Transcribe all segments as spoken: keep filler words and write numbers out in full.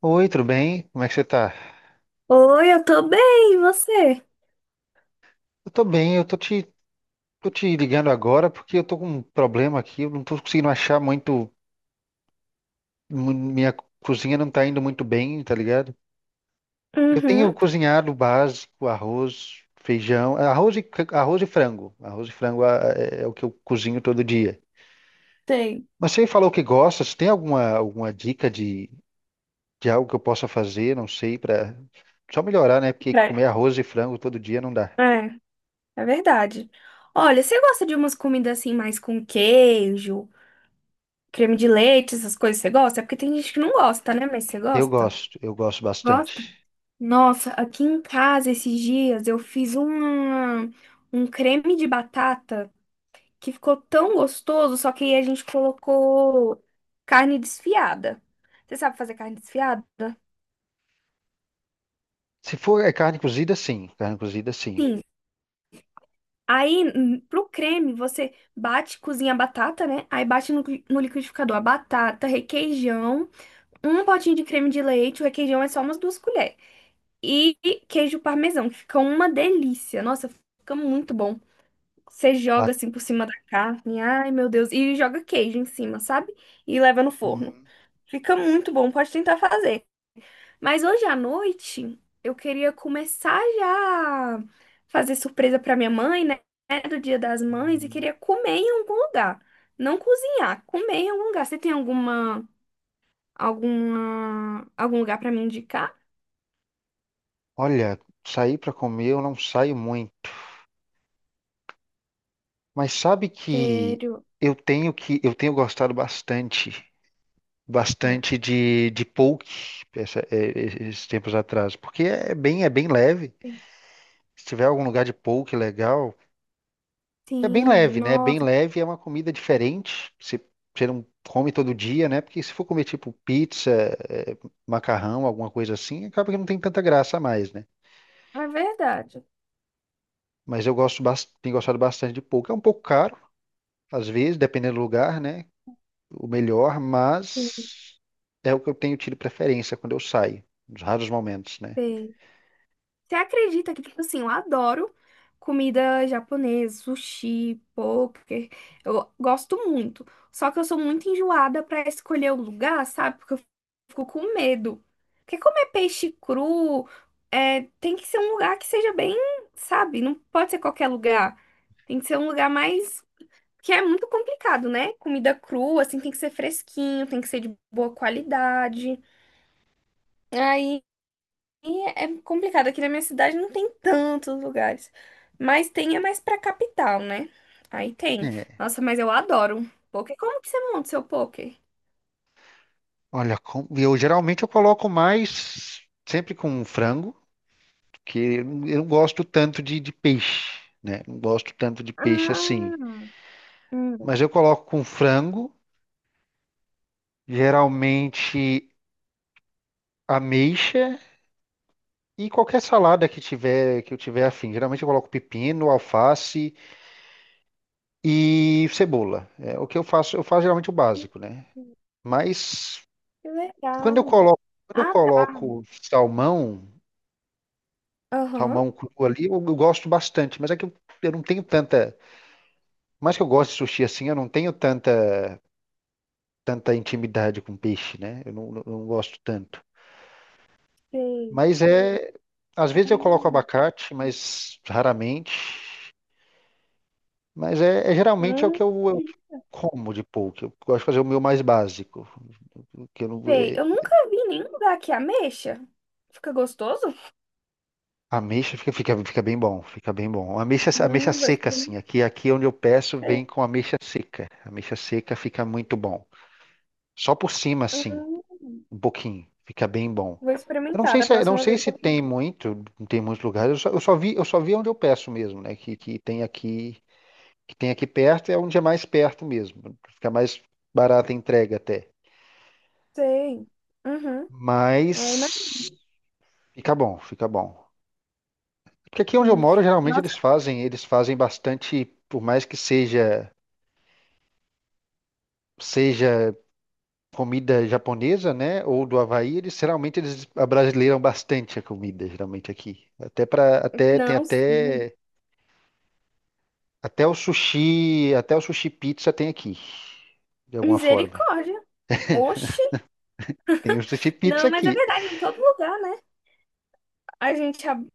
Oi, tudo bem? Como é que você tá? Oi, eu tô bem, e você? Eu tô bem, eu tô te, tô te ligando agora porque eu tô com um problema aqui, eu não tô conseguindo achar muito, mu- minha cozinha não tá indo muito bem, tá ligado? Eu tenho Uhum, cozinhado o básico, arroz, feijão, é, arroz e, c- arroz e frango. Arroz e frango ah, é, é o que eu cozinho todo dia. tem. Mas você falou que gosta, você tem alguma, alguma dica de, de algo que eu possa fazer, não sei, pra só melhorar, né? Porque É, comer arroz e frango todo dia não dá. é, é verdade. Olha, você gosta de umas comidas assim mais com queijo, creme de leite, essas coisas você gosta? É porque tem gente que não gosta, né? Mas você Eu gosta? gosto, eu gosto Gosta? bastante. Nossa, aqui em casa esses dias eu fiz uma, um creme de batata que ficou tão gostoso, só que aí a gente colocou carne desfiada. Você sabe fazer carne desfiada? Se for é carne cozida, sim. Carne cozida, sim. Sim. Aí, hum, pro creme, você bate, cozinha a batata, né? Aí bate no, cli- no liquidificador a batata, requeijão, um potinho de creme de leite, o requeijão é só umas duas colheres. E queijo parmesão, que fica uma delícia. Nossa, fica muito bom. Você Ba- joga assim por cima da carne, ai meu Deus, e joga queijo em cima, sabe? E leva no forno. Hum, Fica muito bom, pode tentar fazer. Mas hoje à noite eu queria começar já a fazer surpresa para minha mãe, né? Do Dia das Mães e hum. queria comer em algum lugar. Não cozinhar, comer em algum lugar. Você tem alguma alguma algum lugar para me indicar? Olha, sair para comer eu não saio muito, mas sabe que Sério? eu tenho que eu tenho gostado bastante, Hum. bastante de, de poke essa- é, é, esses tempos atrás, porque é bem é bem leve. Se tiver algum lugar de poke legal, é bem Sim, leve, né? É bem nossa, leve, é uma comida diferente. Você, você não come todo dia, né? Porque se for comer tipo pizza, eh, macarrão, alguma coisa assim, acaba que não tem tanta graça a mais, né? é verdade. Mas eu gosto, bas- tenho gostado bastante de pouco. É um pouco caro, às vezes, dependendo do lugar, né? O melhor, mas é o que eu tenho tido preferência quando eu saio, nos raros momentos, né? Sim. Você acredita que, tipo assim, eu adoro comida japonesa, sushi, poker. Eu gosto muito. Só que eu sou muito enjoada pra escolher o lugar, sabe? Porque eu fico com medo. Porque comer peixe cru é, tem que ser um lugar que seja bem, sabe? Não pode ser qualquer lugar. Tem que ser um lugar mais. Que é muito complicado, né? Comida crua, assim, tem que ser fresquinho, tem que ser de boa qualidade. Aí. E é complicado, aqui na minha cidade não tem tantos lugares. Mas tem é mais pra capital, né? Aí tem. É. Nossa, mas eu adoro poker. Como que você monta o seu poker? Olha, com- eu geralmente eu coloco mais sempre com frango. Que eu não eu não gosto tanto de, de peixe, né? Não gosto tanto de peixe assim. Ah, hum, Mas eu coloco com frango, geralmente ameixa e qualquer salada que tiver que eu tiver afim. Geralmente eu coloco pepino, alface e cebola. É o que eu faço, eu faço geralmente o básico, né? Mas que quando eu legal. coloco, quando eu Ah, tá. coloco salmão, Aham. salmão cru ali, eu, eu gosto bastante, mas é que eu, eu não tenho tanta, mais que eu gosto de sushi assim, eu não tenho tanta tanta intimidade com peixe, né? Eu não, não- não gosto tanto. Sei. Mas é. Às vezes eu coloco abacate, mas raramente. Mas é, é geralmente é o Hum, que eu, eu como de pouco. Eu gosto de fazer o meu mais básico. O Que eu não, sei. é, Eu nunca vi em nenhum lugar que ameixa. Fica gostoso? Ameixa fica, fica, fica bem bom, fica bem bom. Ameixa, ameixa Hum, vou seca, assim. experimentar. Aqui, aqui onde eu peço, vem com ameixa seca. Ameixa seca fica muito bom. Só por cima, assim. Hum, Um pouquinho, fica bem bom. Vou Eu não experimentar sei da se, é, não próxima sei vez que se eu tem pedir. muito, tem muitos lugares. Eu só, eu só vi, eu só vi onde eu peço mesmo, né? Que, que tem aqui, que tem aqui perto, é onde é mais perto mesmo. Fica mais barata a entrega até. Sei. Uhum. É, Mas imagina. fica bom, fica bom. Porque aqui onde eu Hum, moro, geralmente eles Nossa, fazem, eles fazem bastante, por mais que seja seja comida japonesa, né, ou do Havaí, eles geralmente eles abrasileiram bastante a comida, geralmente aqui. Até para até tem não, sim. até Até o sushi, até o sushi pizza tem aqui, de alguma forma. Misericórdia. Oxi. Tem o sushi pizza Não, mas é aqui. verdade, em todo lugar, né? A gente. ab-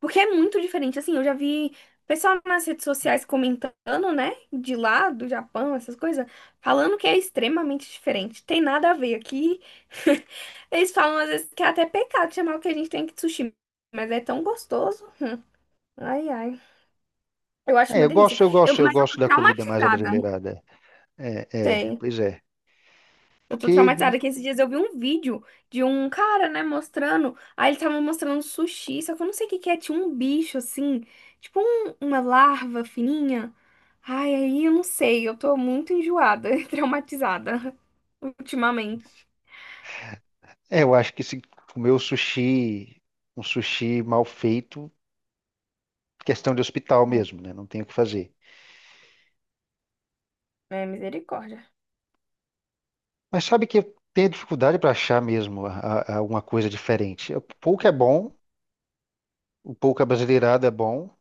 Porque é muito diferente. Assim, eu já vi pessoal nas redes sociais comentando, né? De lá, do Japão, essas coisas, falando que é extremamente diferente. Tem nada a ver aqui. Eles falam às vezes que é até pecado chamar o que a gente tem aqui de sushi. Mas é tão gostoso. Ai, ai. Eu É, acho uma eu gosto, delícia. eu Eu, gosto, eu Mas eu tô gosto da comida mais traumatizada. abrasileirada. É, é, Sei. pois é. Eu tô Porque traumatizada que esses dias eu vi um vídeo de um cara, né, mostrando. Aí ele tava mostrando sushi, só que eu não sei o que que é. Tinha um bicho assim, tipo um- uma larva fininha. Ai, aí eu não sei. Eu tô muito enjoada traumatizada ultimamente. é, eu acho que se comer o sushi, um sushi mal feito, questão de hospital mesmo, né? Não tem o que fazer. É, misericórdia. Mas sabe que eu tenho dificuldade para achar mesmo a- a- alguma coisa diferente. O pouco é bom, o pouco abrasileirado é bom,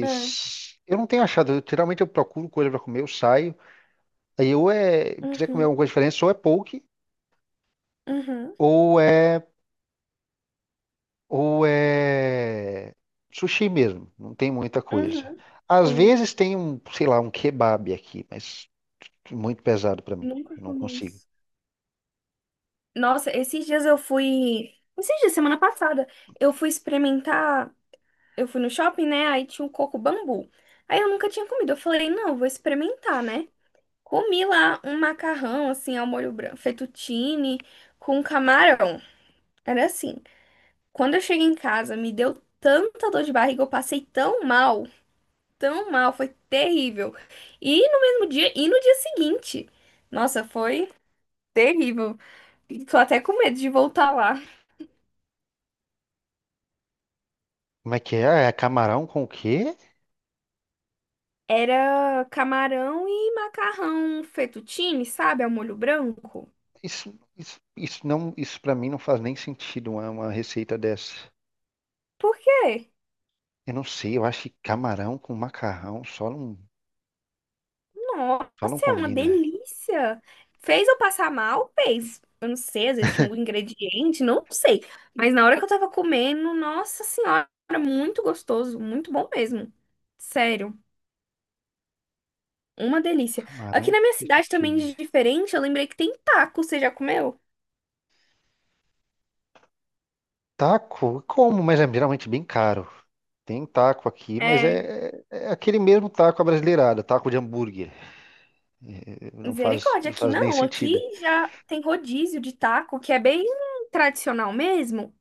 É, eu não tenho achado. Eu, geralmente eu procuro coisa para comer, eu saio. Aí ou é, quiser comer uhum, alguma coisa diferente, ou é poke, uhum, ou é, ou é sushi mesmo. Não tem muita coisa. uhum. Às Sim, vezes tem um, sei lá, um kebab aqui, mas muito pesado pra mim. nunca Eu não comi consigo. isso. Nossa, esses dias eu fui. Esses dias, semana passada, eu fui experimentar. Eu fui no shopping, né? Aí tinha um Coco Bambu. Aí eu nunca tinha comido. Eu falei, não, vou experimentar, né? Comi lá um macarrão, assim, ao molho branco, fettuccine, com camarão. Era assim. Quando eu cheguei em casa, me deu tanta dor de barriga, eu passei tão mal, tão mal, foi terrível. E no mesmo dia, e no dia seguinte. Nossa, foi terrível. E tô até com medo de voltar lá. Como é que é? Ah, é camarão com o quê? Era camarão e macarrão fettuccine, sabe? Ao molho branco. Isso, isso, isso não, isso para mim não faz nem sentido uma, uma receita dessa. Por quê? Eu não sei, eu acho que camarão com macarrão só não, Nossa, só não é uma combina. delícia. Fez eu passar mal? Fez. Eu não sei, às vezes tinha algum ingrediente, não sei. Mas na hora que eu tava comendo, nossa senhora, muito gostoso, muito bom mesmo. Sério, uma delícia. Aqui Camarão na com minha cidade também fettuccine. de diferente, eu lembrei que tem taco, você já comeu? Taco? Como? Mas é geralmente bem caro. Tem taco aqui, mas É, é, é é aquele mesmo taco abrasileirado, taco de hambúrguer. É, Não faz, misericórdia, não aqui faz nem não, aqui sentido. já tem rodízio de taco, que é bem tradicional mesmo.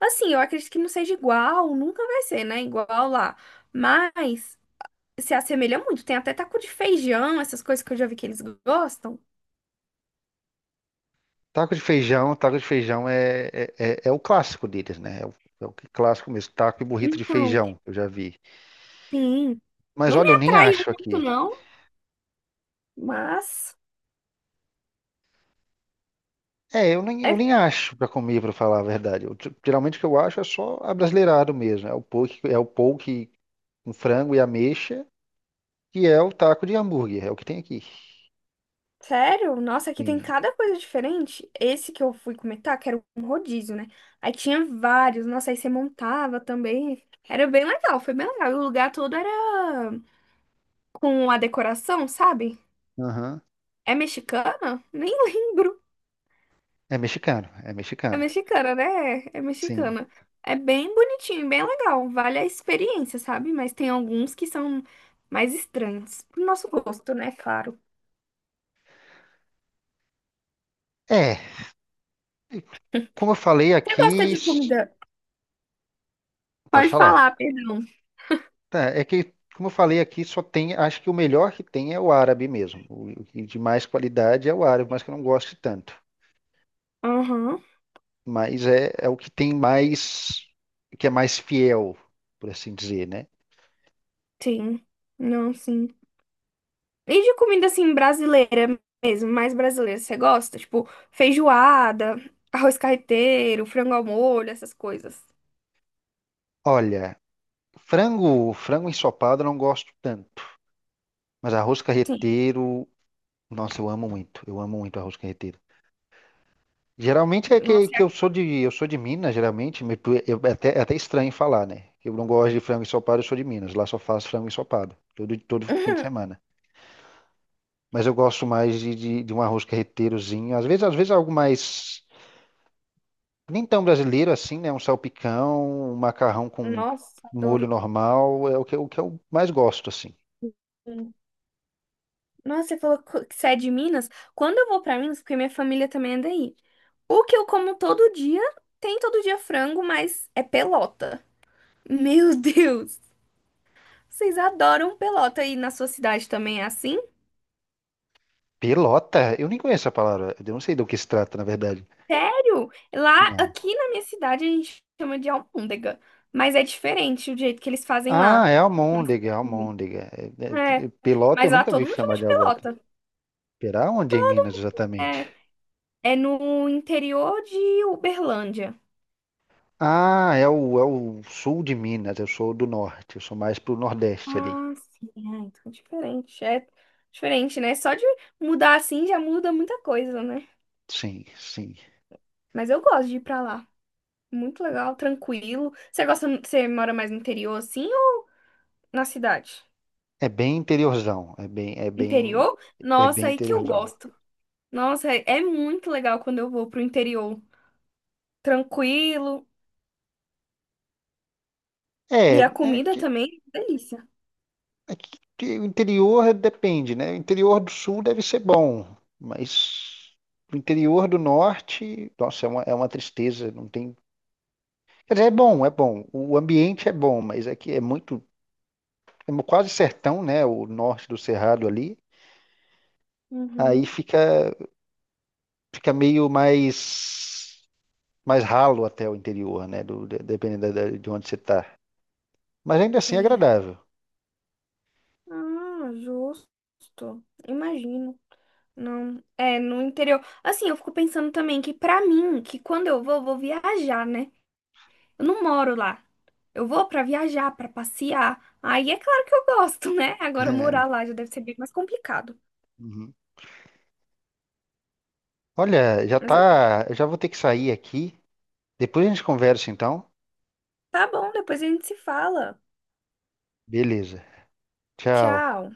Assim, eu acredito que não seja igual, nunca vai ser, né? Igual lá. Mas se assemelha muito. Tem até taco de feijão, essas coisas que eu já vi que eles gostam. Taco de feijão, taco de feijão é, é, é- é o clássico deles, né? É o, é o que- é clássico mesmo, taco e burrito de Então, feijão, eu já vi. sim. Mas Não olha, me eu nem atraiu acho muito, aqui. não, mas É, eu nem, eu é nem acho pra comer, pra falar a verdade. Eu, t- geralmente o que eu acho é só abrasileirado mesmo. É o poke, é o poke com frango e ameixa, que é o taco de hambúrguer, é o que tem aqui. sério, nossa, aqui tem Sim, cada coisa diferente. Esse que eu fui comentar, que era um rodízio, né? Aí tinha vários, nossa, aí você montava também. Era bem legal, foi bem legal. E o lugar todo era com a decoração, sabe? aham. É mexicana? Nem lembro. É mexicano, é É mexicano. mexicana, né? É, é Sim. mexicana. É bem bonitinho, bem legal. Vale a experiência, sabe? Mas tem alguns que são mais estranhos. Pro nosso gosto, né? Claro. É, como eu falei Você gosta aqui, de s- comida? pode Pode falar, falar. perdão. Tá, é que, como eu falei aqui, só tem, acho que o melhor que tem é o árabe mesmo. O o que de mais qualidade é o árabe, mas que eu não gosto tanto. Aham, Mas é, é o que tem mais, que é mais fiel, por assim dizer, né? sim. Não, sim. E de comida, assim, brasileira mesmo, mais brasileira, você gosta? Tipo, feijoada, arroz carreteiro, frango ao molho, essas coisas. Olha, frango, frango ensopado eu não gosto tanto, mas arroz Sim. carreteiro, nossa, eu amo muito. Eu amo muito arroz carreteiro. Geralmente é que, Nossa, que eu sou de eu sou de Minas, geralmente, me- eu- é até, é até estranho falar, né? Eu não gosto de frango ensopado, eu sou de Minas, lá só faço frango ensopado, todo, todo fim de é- semana. Mas eu gosto mais de, de, de um arroz carreteirozinho, às vezes, às vezes algo mais, nem tão brasileiro assim, né? Um salpicão, um macarrão com nossa, molho adoro. normal, é o que, o que eu mais gosto, assim. Nossa, você falou co- que você é de Minas? Quando eu vou pra Minas, porque minha família também é daí. O que eu como todo dia, tem todo dia frango, mas é pelota. Meu Deus! Vocês adoram pelota e na sua cidade também é assim? Pelota? Eu nem conheço a palavra, eu não sei do que se trata, na verdade. Sério? Lá, Não. aqui na minha cidade, a gente chama de almôndega, mas é diferente o jeito que eles fazem Ah, lá. é almôndega, é almôndega. É- é- É, é, Pelota eu mas lá nunca vi todo mundo chama chamar de de alvo. pelota. Será onde é em Minas exatamente? É, é no interior de Uberlândia. Ah, é o, é o sul de Minas, eu sou do norte, eu sou mais pro nordeste ali. Ah, sim. Ah, então é diferente. É diferente, né? Só de mudar assim já muda muita coisa, né? Sim, sim. Mas eu gosto de ir pra lá. Muito legal, tranquilo. Você gosta, você mora mais no interior assim ou na cidade? É bem interiorzão, é bem, é bem, Interior? é bem Nossa, aí que eu interiorzão. gosto. Nossa, é é muito legal quando eu vou pro interior. Tranquilo. É, E a é comida que, também, delícia. é que que o interior depende, né? O interior do sul deve ser bom, mas o interior do norte, nossa, é uma, é uma tristeza, não tem. Quer dizer, é bom, é bom. O ambiente é bom, mas é que é muito, é quase sertão, né? O norte do Cerrado ali. Aí Uhum. fica, fica meio mais, mais ralo até o interior, né? Do, de- dependendo da- da- de onde você está. Mas ainda assim é Sei. agradável. Ah, justo. Imagino. Não, é no interior. Assim, eu fico pensando também que pra mim, que quando eu vou, eu vou viajar, né? Eu não moro lá. Eu vou pra viajar, pra passear. Aí é claro que eu gosto, né? Agora É. morar lá já deve ser bem mais complicado. Uhum. Olha, já Mas eu quero. tá. Eu já vou ter que sair aqui. Depois a gente conversa, então. Tá bom, depois a gente se fala. Beleza. Tchau. Tchau.